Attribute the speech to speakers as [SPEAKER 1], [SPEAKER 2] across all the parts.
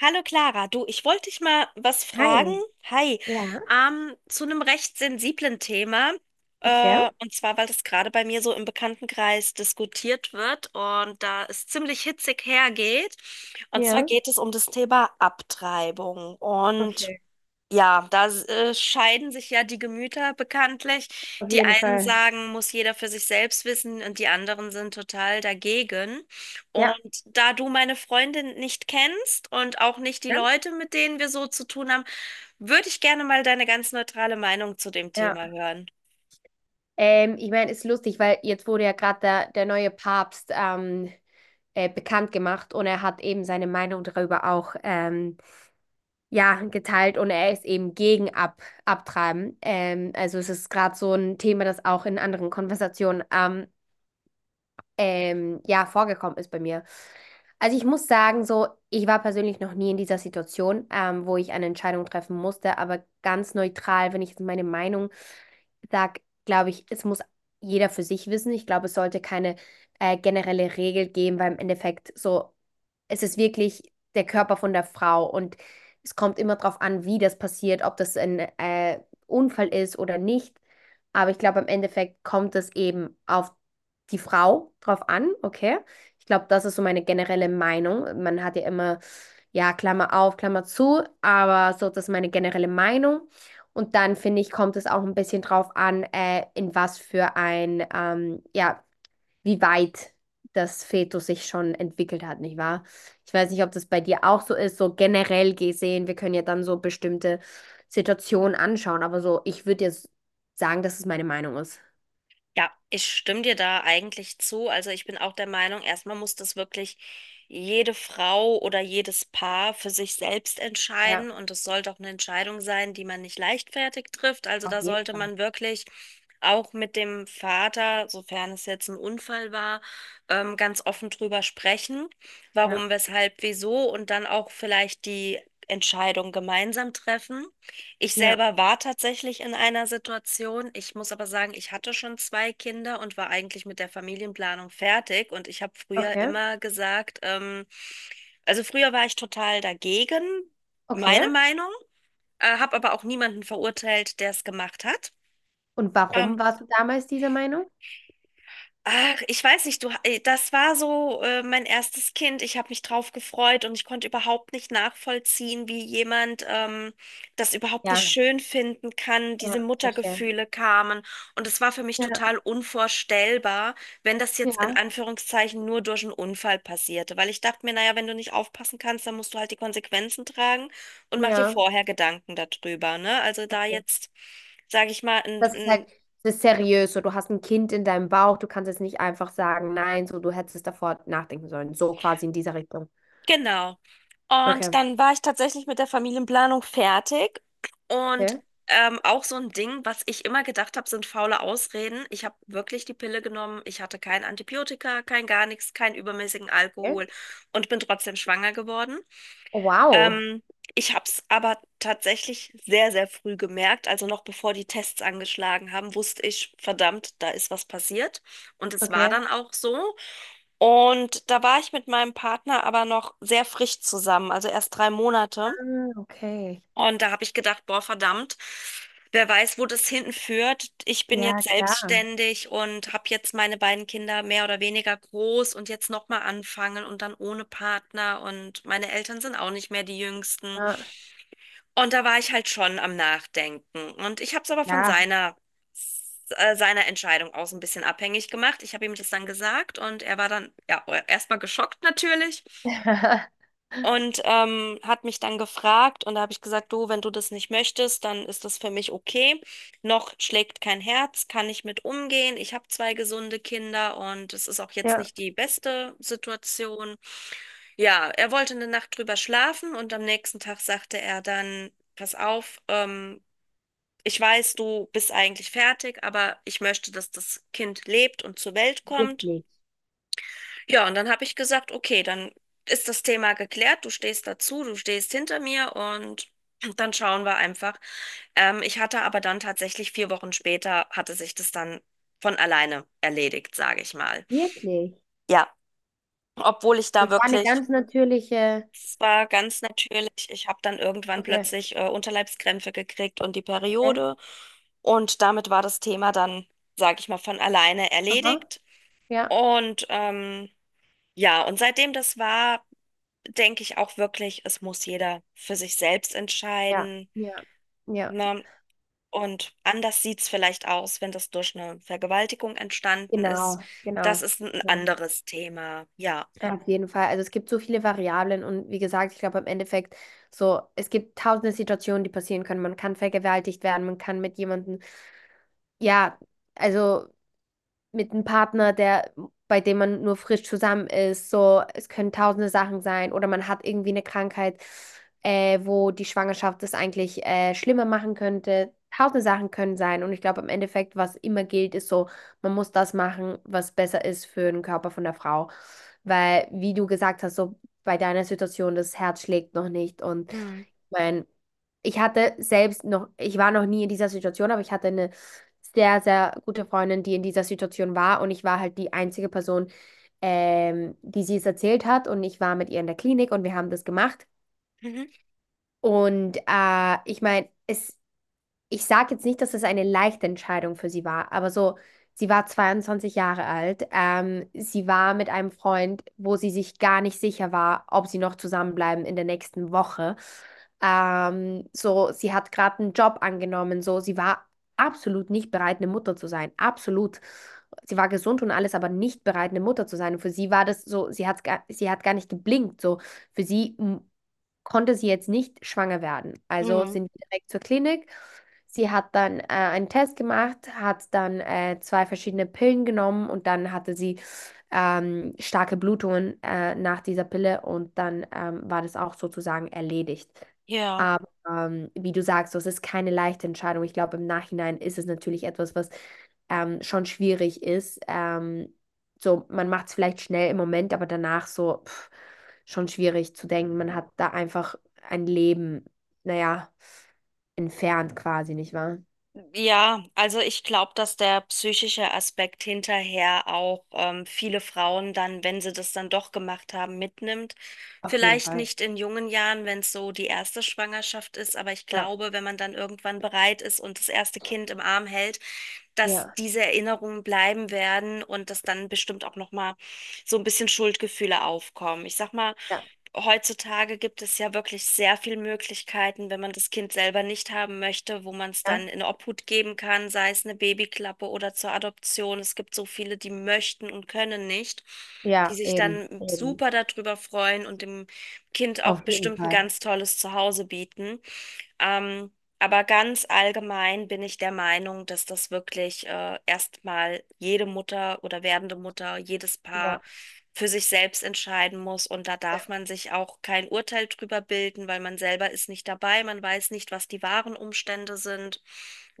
[SPEAKER 1] Hallo Clara, du, ich wollte dich mal was fragen.
[SPEAKER 2] Hi.
[SPEAKER 1] Hi,
[SPEAKER 2] Ja,
[SPEAKER 1] zu einem recht sensiblen Thema.
[SPEAKER 2] okay.
[SPEAKER 1] Und zwar, weil das gerade bei mir so im Bekanntenkreis diskutiert wird und da es ziemlich hitzig hergeht. Und zwar
[SPEAKER 2] Ja,
[SPEAKER 1] geht es um das Thema Abtreibung. Und
[SPEAKER 2] okay.
[SPEAKER 1] ja, da scheiden sich ja die Gemüter bekanntlich.
[SPEAKER 2] Auf
[SPEAKER 1] Die
[SPEAKER 2] jeden
[SPEAKER 1] einen
[SPEAKER 2] Fall.
[SPEAKER 1] sagen, muss jeder für sich selbst wissen und die anderen sind total dagegen.
[SPEAKER 2] Ja,
[SPEAKER 1] Und da du meine Freundin nicht kennst und auch nicht die
[SPEAKER 2] ja,
[SPEAKER 1] Leute, mit denen wir so zu tun haben, würde ich gerne mal deine ganz neutrale Meinung zu dem Thema
[SPEAKER 2] ja.
[SPEAKER 1] hören.
[SPEAKER 2] Ich meine, ist lustig, weil jetzt wurde ja gerade der neue Papst bekannt gemacht, und er hat eben seine Meinung darüber auch ja, geteilt, und er ist eben gegen Ab Abtreiben. Also es ist gerade so ein Thema, das auch in anderen Konversationen ja, vorgekommen ist bei mir. Also ich muss sagen, so, ich war persönlich noch nie in dieser Situation, wo ich eine Entscheidung treffen musste, aber ganz neutral, wenn ich jetzt meine Meinung sage, glaube ich, es muss jeder für sich wissen. Ich glaube, es sollte keine generelle Regel geben, weil im Endeffekt so, es ist wirklich der Körper von der Frau, und es kommt immer darauf an, wie das passiert, ob das ein Unfall ist oder nicht. Aber ich glaube, im Endeffekt kommt es eben auf die Frau drauf an, okay? Ich glaube, das ist so meine generelle Meinung. Man hat ja immer, ja, Klammer auf, Klammer zu, aber so, das ist meine generelle Meinung. Und dann finde ich, kommt es auch ein bisschen drauf an, in was für ein, ja, wie weit das Fetus sich schon entwickelt hat, nicht wahr? Ich weiß nicht, ob das bei dir auch so ist, so generell gesehen. Wir können ja dann so bestimmte Situationen anschauen, aber so, ich würde jetzt sagen, dass es meine Meinung ist.
[SPEAKER 1] Ja, ich stimme dir da eigentlich zu. Also ich bin auch der Meinung, erstmal muss das wirklich jede Frau oder jedes Paar für sich selbst
[SPEAKER 2] Ja,
[SPEAKER 1] entscheiden. Und es sollte auch eine Entscheidung sein, die man nicht leichtfertig trifft. Also
[SPEAKER 2] auf
[SPEAKER 1] da
[SPEAKER 2] jeden
[SPEAKER 1] sollte
[SPEAKER 2] Fall.
[SPEAKER 1] man wirklich auch mit dem Vater, sofern es jetzt ein Unfall war, ganz offen drüber sprechen,
[SPEAKER 2] Ja,
[SPEAKER 1] warum, weshalb, wieso und dann auch vielleicht die Entscheidung gemeinsam treffen. Ich
[SPEAKER 2] ja,
[SPEAKER 1] selber war tatsächlich in einer Situation. Ich muss aber sagen, ich hatte schon zwei Kinder und war eigentlich mit der Familienplanung fertig. Und ich habe früher
[SPEAKER 2] okay.
[SPEAKER 1] immer gesagt, also früher war ich total dagegen,
[SPEAKER 2] Okay.
[SPEAKER 1] meine Meinung, habe aber auch niemanden verurteilt, der es gemacht hat.
[SPEAKER 2] Und
[SPEAKER 1] Ähm,
[SPEAKER 2] warum warst du damals dieser Meinung?
[SPEAKER 1] Ach, ich weiß nicht, du, das war so mein erstes Kind. Ich habe mich drauf gefreut und ich konnte überhaupt nicht nachvollziehen, wie jemand das überhaupt nicht
[SPEAKER 2] Ja,
[SPEAKER 1] schön finden kann. Diese
[SPEAKER 2] ja, verstehe.
[SPEAKER 1] Muttergefühle kamen und es war für mich
[SPEAKER 2] Ja,
[SPEAKER 1] total unvorstellbar, wenn das jetzt in
[SPEAKER 2] ja,
[SPEAKER 1] Anführungszeichen nur durch einen Unfall passierte, weil ich dachte mir, naja, wenn du nicht aufpassen kannst, dann musst du halt die Konsequenzen tragen und mach dir
[SPEAKER 2] ja.
[SPEAKER 1] vorher Gedanken darüber, ne? Also da
[SPEAKER 2] Okay.
[SPEAKER 1] jetzt sage ich mal,
[SPEAKER 2] Das ist halt,
[SPEAKER 1] ein,
[SPEAKER 2] das ist seriös. So, du hast ein Kind in deinem Bauch, du kannst jetzt nicht einfach sagen, nein, so, du hättest davor nachdenken sollen. So quasi in dieser Richtung.
[SPEAKER 1] genau. Und
[SPEAKER 2] Okay.
[SPEAKER 1] dann war ich tatsächlich mit der Familienplanung fertig. Und
[SPEAKER 2] Okay.
[SPEAKER 1] auch so ein Ding, was ich immer gedacht habe, sind faule Ausreden. Ich habe wirklich die Pille genommen. Ich hatte kein Antibiotika, kein gar nichts, keinen übermäßigen
[SPEAKER 2] Okay.
[SPEAKER 1] Alkohol und bin trotzdem schwanger geworden.
[SPEAKER 2] Oh, wow.
[SPEAKER 1] Ähm, ich habe es aber tatsächlich sehr, sehr früh gemerkt. Also noch bevor die Tests angeschlagen haben, wusste ich, verdammt, da ist was passiert. Und es war
[SPEAKER 2] Okay.
[SPEAKER 1] dann auch so. Und da war ich mit meinem Partner aber noch sehr frisch zusammen, also erst 3 Monate.
[SPEAKER 2] Ah, okay.
[SPEAKER 1] Und da habe ich gedacht, boah, verdammt, wer weiß, wo das hinten führt. Ich bin
[SPEAKER 2] Ja,
[SPEAKER 1] jetzt
[SPEAKER 2] klar.
[SPEAKER 1] selbstständig und habe jetzt meine beiden Kinder mehr oder weniger groß und jetzt nochmal anfangen und dann ohne Partner. Und meine Eltern sind auch nicht mehr die Jüngsten.
[SPEAKER 2] Ja.
[SPEAKER 1] Und da war ich halt schon am Nachdenken. Und ich habe es aber von
[SPEAKER 2] Klar.
[SPEAKER 1] seiner Entscheidung aus ein bisschen abhängig gemacht. Ich habe ihm das dann gesagt und er war dann ja erstmal geschockt natürlich und hat mich dann gefragt. Und da habe ich gesagt, du, wenn du das nicht möchtest, dann ist das für mich okay. Noch schlägt kein Herz, kann ich mit umgehen. Ich habe zwei gesunde Kinder und es ist auch jetzt
[SPEAKER 2] Ja.
[SPEAKER 1] nicht die beste Situation. Ja, er wollte eine Nacht drüber schlafen und am nächsten Tag sagte er dann, pass auf, ich weiß, du bist eigentlich fertig, aber ich möchte, dass das Kind lebt und zur Welt kommt.
[SPEAKER 2] Wirklich.
[SPEAKER 1] Ja, und dann habe ich gesagt, okay, dann ist das Thema geklärt, du stehst dazu, du stehst hinter mir und dann schauen wir einfach. Ich hatte aber dann tatsächlich 4 Wochen später, hatte sich das dann von alleine erledigt, sage ich mal.
[SPEAKER 2] Wirklich.
[SPEAKER 1] Ja, obwohl ich da
[SPEAKER 2] Das war eine
[SPEAKER 1] wirklich...
[SPEAKER 2] ganz natürliche.
[SPEAKER 1] Es war ganz natürlich. Ich habe dann irgendwann
[SPEAKER 2] Okay.
[SPEAKER 1] plötzlich Unterleibskrämpfe gekriegt und die
[SPEAKER 2] Okay.
[SPEAKER 1] Periode. Und damit war das Thema dann, sage ich mal, von alleine
[SPEAKER 2] Aha.
[SPEAKER 1] erledigt.
[SPEAKER 2] Ja.
[SPEAKER 1] Und ja, und seitdem das war, denke ich auch wirklich, es muss jeder für sich selbst
[SPEAKER 2] Ja.
[SPEAKER 1] entscheiden.
[SPEAKER 2] Ja. Ja.
[SPEAKER 1] Ne? Und anders sieht es vielleicht aus, wenn das durch eine Vergewaltigung entstanden ist.
[SPEAKER 2] Genau,
[SPEAKER 1] Das
[SPEAKER 2] genau.
[SPEAKER 1] ist ein
[SPEAKER 2] Ja,
[SPEAKER 1] anderes Thema. Ja.
[SPEAKER 2] ja, auf jeden Fall. Also es gibt so viele Variablen, und wie gesagt, ich glaube im Endeffekt so, es gibt tausende Situationen, die passieren können. Man kann vergewaltigt werden, man kann mit jemandem, ja, also mit einem Partner, der, bei dem man nur frisch zusammen ist. So, es können tausende Sachen sein, oder man hat irgendwie eine Krankheit, wo die Schwangerschaft das eigentlich schlimmer machen könnte. Tausende Sachen können sein. Und ich glaube, im Endeffekt, was immer gilt, ist so, man muss das machen, was besser ist für den Körper von der Frau. Weil, wie du gesagt hast, so bei deiner Situation, das Herz schlägt noch nicht. Und ich
[SPEAKER 1] Hm.
[SPEAKER 2] meine, ich hatte selbst noch, ich war noch nie in dieser Situation, aber ich hatte eine sehr, sehr gute Freundin, die in dieser Situation war. Und ich war halt die einzige Person, die sie es erzählt hat. Und ich war mit ihr in der Klinik und wir haben das gemacht.
[SPEAKER 1] Mhm.
[SPEAKER 2] Und ich meine, es ich sage jetzt nicht, dass es eine leichte Entscheidung für sie war, aber so, sie war 22 Jahre alt. Sie war mit einem Freund, wo sie sich gar nicht sicher war, ob sie noch zusammenbleiben in der nächsten Woche. So, sie hat gerade einen Job angenommen, so, sie war absolut nicht bereit, eine Mutter zu sein. Absolut. Sie war gesund und alles, aber nicht bereit, eine Mutter zu sein. Und für sie war das so, sie hat gar nicht geblinkt. So, für sie konnte sie jetzt nicht schwanger werden. Also
[SPEAKER 1] Mhm.
[SPEAKER 2] sind wir direkt zur Klinik. Sie hat dann einen Test gemacht, hat dann zwei verschiedene Pillen genommen, und dann hatte sie starke Blutungen nach dieser Pille, und dann war das auch sozusagen erledigt.
[SPEAKER 1] Ja.
[SPEAKER 2] Aber wie du sagst, das ist keine leichte Entscheidung. Ich glaube, im Nachhinein ist es natürlich etwas, was schon schwierig ist. So, man macht es vielleicht schnell im Moment, aber danach so, pff, schon schwierig zu denken. Man hat da einfach ein Leben, naja, entfernt quasi, nicht wahr?
[SPEAKER 1] Ja, also ich glaube, dass der psychische Aspekt hinterher auch viele Frauen dann, wenn sie das dann doch gemacht haben, mitnimmt.
[SPEAKER 2] Auf jeden
[SPEAKER 1] Vielleicht
[SPEAKER 2] Fall.
[SPEAKER 1] nicht in jungen Jahren, wenn es so die erste Schwangerschaft ist, aber ich
[SPEAKER 2] Ja,
[SPEAKER 1] glaube, wenn man dann irgendwann bereit ist und das erste Kind im Arm hält, dass
[SPEAKER 2] ja,
[SPEAKER 1] diese Erinnerungen bleiben werden und dass dann bestimmt auch noch mal so ein bisschen Schuldgefühle aufkommen. Ich sag mal,
[SPEAKER 2] ja,
[SPEAKER 1] heutzutage gibt es ja wirklich sehr viele Möglichkeiten, wenn man das Kind selber nicht haben möchte, wo man es
[SPEAKER 2] ja,
[SPEAKER 1] dann in Obhut geben kann, sei es eine Babyklappe oder zur Adoption. Es gibt so viele, die möchten und können nicht, die
[SPEAKER 2] ja,
[SPEAKER 1] sich
[SPEAKER 2] eben,
[SPEAKER 1] dann
[SPEAKER 2] eben,
[SPEAKER 1] super darüber freuen und dem Kind
[SPEAKER 2] auf
[SPEAKER 1] auch
[SPEAKER 2] jeden
[SPEAKER 1] bestimmt ein
[SPEAKER 2] Fall.
[SPEAKER 1] ganz tolles Zuhause bieten. Ähm, aber ganz allgemein bin ich der Meinung, dass das wirklich erstmal jede Mutter oder werdende Mutter, jedes Paar
[SPEAKER 2] Ja,
[SPEAKER 1] für sich selbst entscheiden muss. Und da darf
[SPEAKER 2] ja,
[SPEAKER 1] man sich auch kein Urteil drüber bilden, weil man selber ist nicht dabei. Man weiß nicht, was die wahren Umstände sind.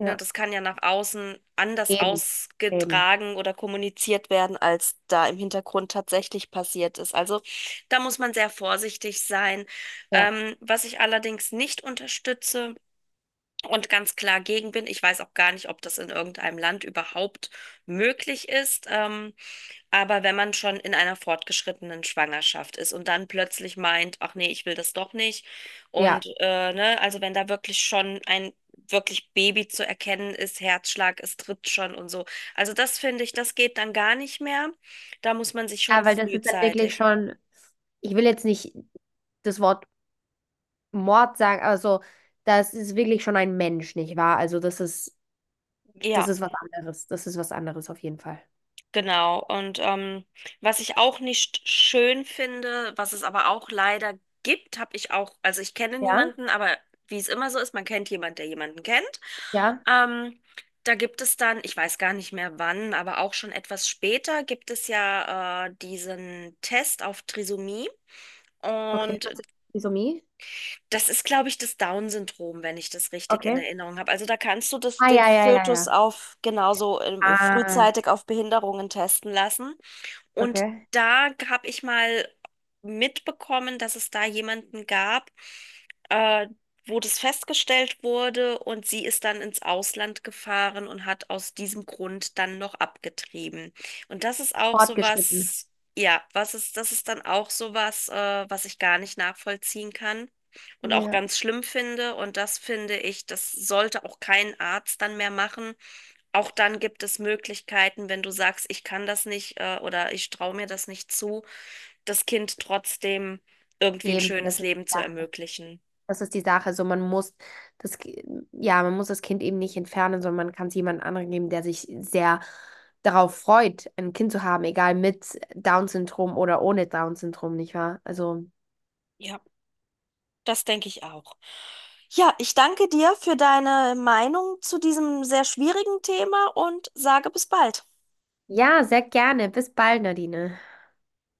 [SPEAKER 1] Ne, das kann ja nach außen anders
[SPEAKER 2] eben, eben,
[SPEAKER 1] ausgetragen oder kommuniziert werden, als da im Hintergrund tatsächlich passiert ist. Also da muss man sehr vorsichtig sein.
[SPEAKER 2] ja,
[SPEAKER 1] Was ich allerdings nicht unterstütze und ganz klar gegen bin, ich weiß auch gar nicht, ob das in irgendeinem Land überhaupt möglich ist, aber wenn man schon in einer fortgeschrittenen Schwangerschaft ist und dann plötzlich meint, ach nee, ich will das doch nicht
[SPEAKER 2] ja.
[SPEAKER 1] und ne, also wenn da wirklich schon ein wirklich Baby zu erkennen ist, Herzschlag, es tritt schon und so. Also das finde ich, das geht dann gar nicht mehr. Da muss man sich schon
[SPEAKER 2] Ja, weil das ist dann wirklich
[SPEAKER 1] frühzeitig.
[SPEAKER 2] schon, ich will jetzt nicht das Wort Mord sagen, aber so, das ist wirklich schon ein Mensch, nicht wahr? Also das
[SPEAKER 1] Ja.
[SPEAKER 2] ist was anderes, das ist was anderes auf jeden Fall.
[SPEAKER 1] Genau, und was ich auch nicht schön finde, was es aber auch leider gibt, habe ich auch, also ich kenne
[SPEAKER 2] Ja,
[SPEAKER 1] niemanden, aber wie es immer so ist, man kennt jemanden, der jemanden kennt.
[SPEAKER 2] ja,
[SPEAKER 1] Ähm, da gibt es dann, ich weiß gar nicht mehr wann, aber auch schon etwas später gibt es ja diesen Test auf Trisomie.
[SPEAKER 2] okay, das
[SPEAKER 1] Und
[SPEAKER 2] ist Trisomie.
[SPEAKER 1] das ist, glaube ich, das Down-Syndrom, wenn ich das richtig in
[SPEAKER 2] Okay.
[SPEAKER 1] Erinnerung habe. Also da kannst du das,
[SPEAKER 2] Ah,
[SPEAKER 1] den
[SPEAKER 2] ja, ja, ja,
[SPEAKER 1] Fötus
[SPEAKER 2] ja.
[SPEAKER 1] auf genauso
[SPEAKER 2] Ah,
[SPEAKER 1] frühzeitig auf Behinderungen testen lassen. Und
[SPEAKER 2] okay.
[SPEAKER 1] da habe ich mal mitbekommen, dass es da jemanden gab, äh, wo das festgestellt wurde und sie ist dann ins Ausland gefahren und hat aus diesem Grund dann noch abgetrieben. Und das ist auch
[SPEAKER 2] Fortgeschritten.
[SPEAKER 1] sowas, ja, was ist, das ist dann auch sowas, was ich gar nicht nachvollziehen kann und auch
[SPEAKER 2] Ja.
[SPEAKER 1] ganz schlimm finde. Und das finde ich, das sollte auch kein Arzt dann mehr machen, auch dann gibt es Möglichkeiten, wenn du sagst, ich kann das nicht oder ich traue mir das nicht zu, das Kind trotzdem irgendwie ein
[SPEAKER 2] Eben, das
[SPEAKER 1] schönes
[SPEAKER 2] ist
[SPEAKER 1] Leben
[SPEAKER 2] die
[SPEAKER 1] zu
[SPEAKER 2] Sache.
[SPEAKER 1] ermöglichen.
[SPEAKER 2] Das ist die Sache. So, man muss das, Ki- ja, man muss das Kind eben nicht entfernen, sondern man kann es jemand anderen geben, der sich sehr darauf freut, ein Kind zu haben, egal mit Down-Syndrom oder ohne Down-Syndrom, nicht wahr? Also,
[SPEAKER 1] Ja, das denke ich auch. Ja, ich danke dir für deine Meinung zu diesem sehr schwierigen Thema und sage bis bald.
[SPEAKER 2] ja, sehr gerne. Bis bald, Nadine.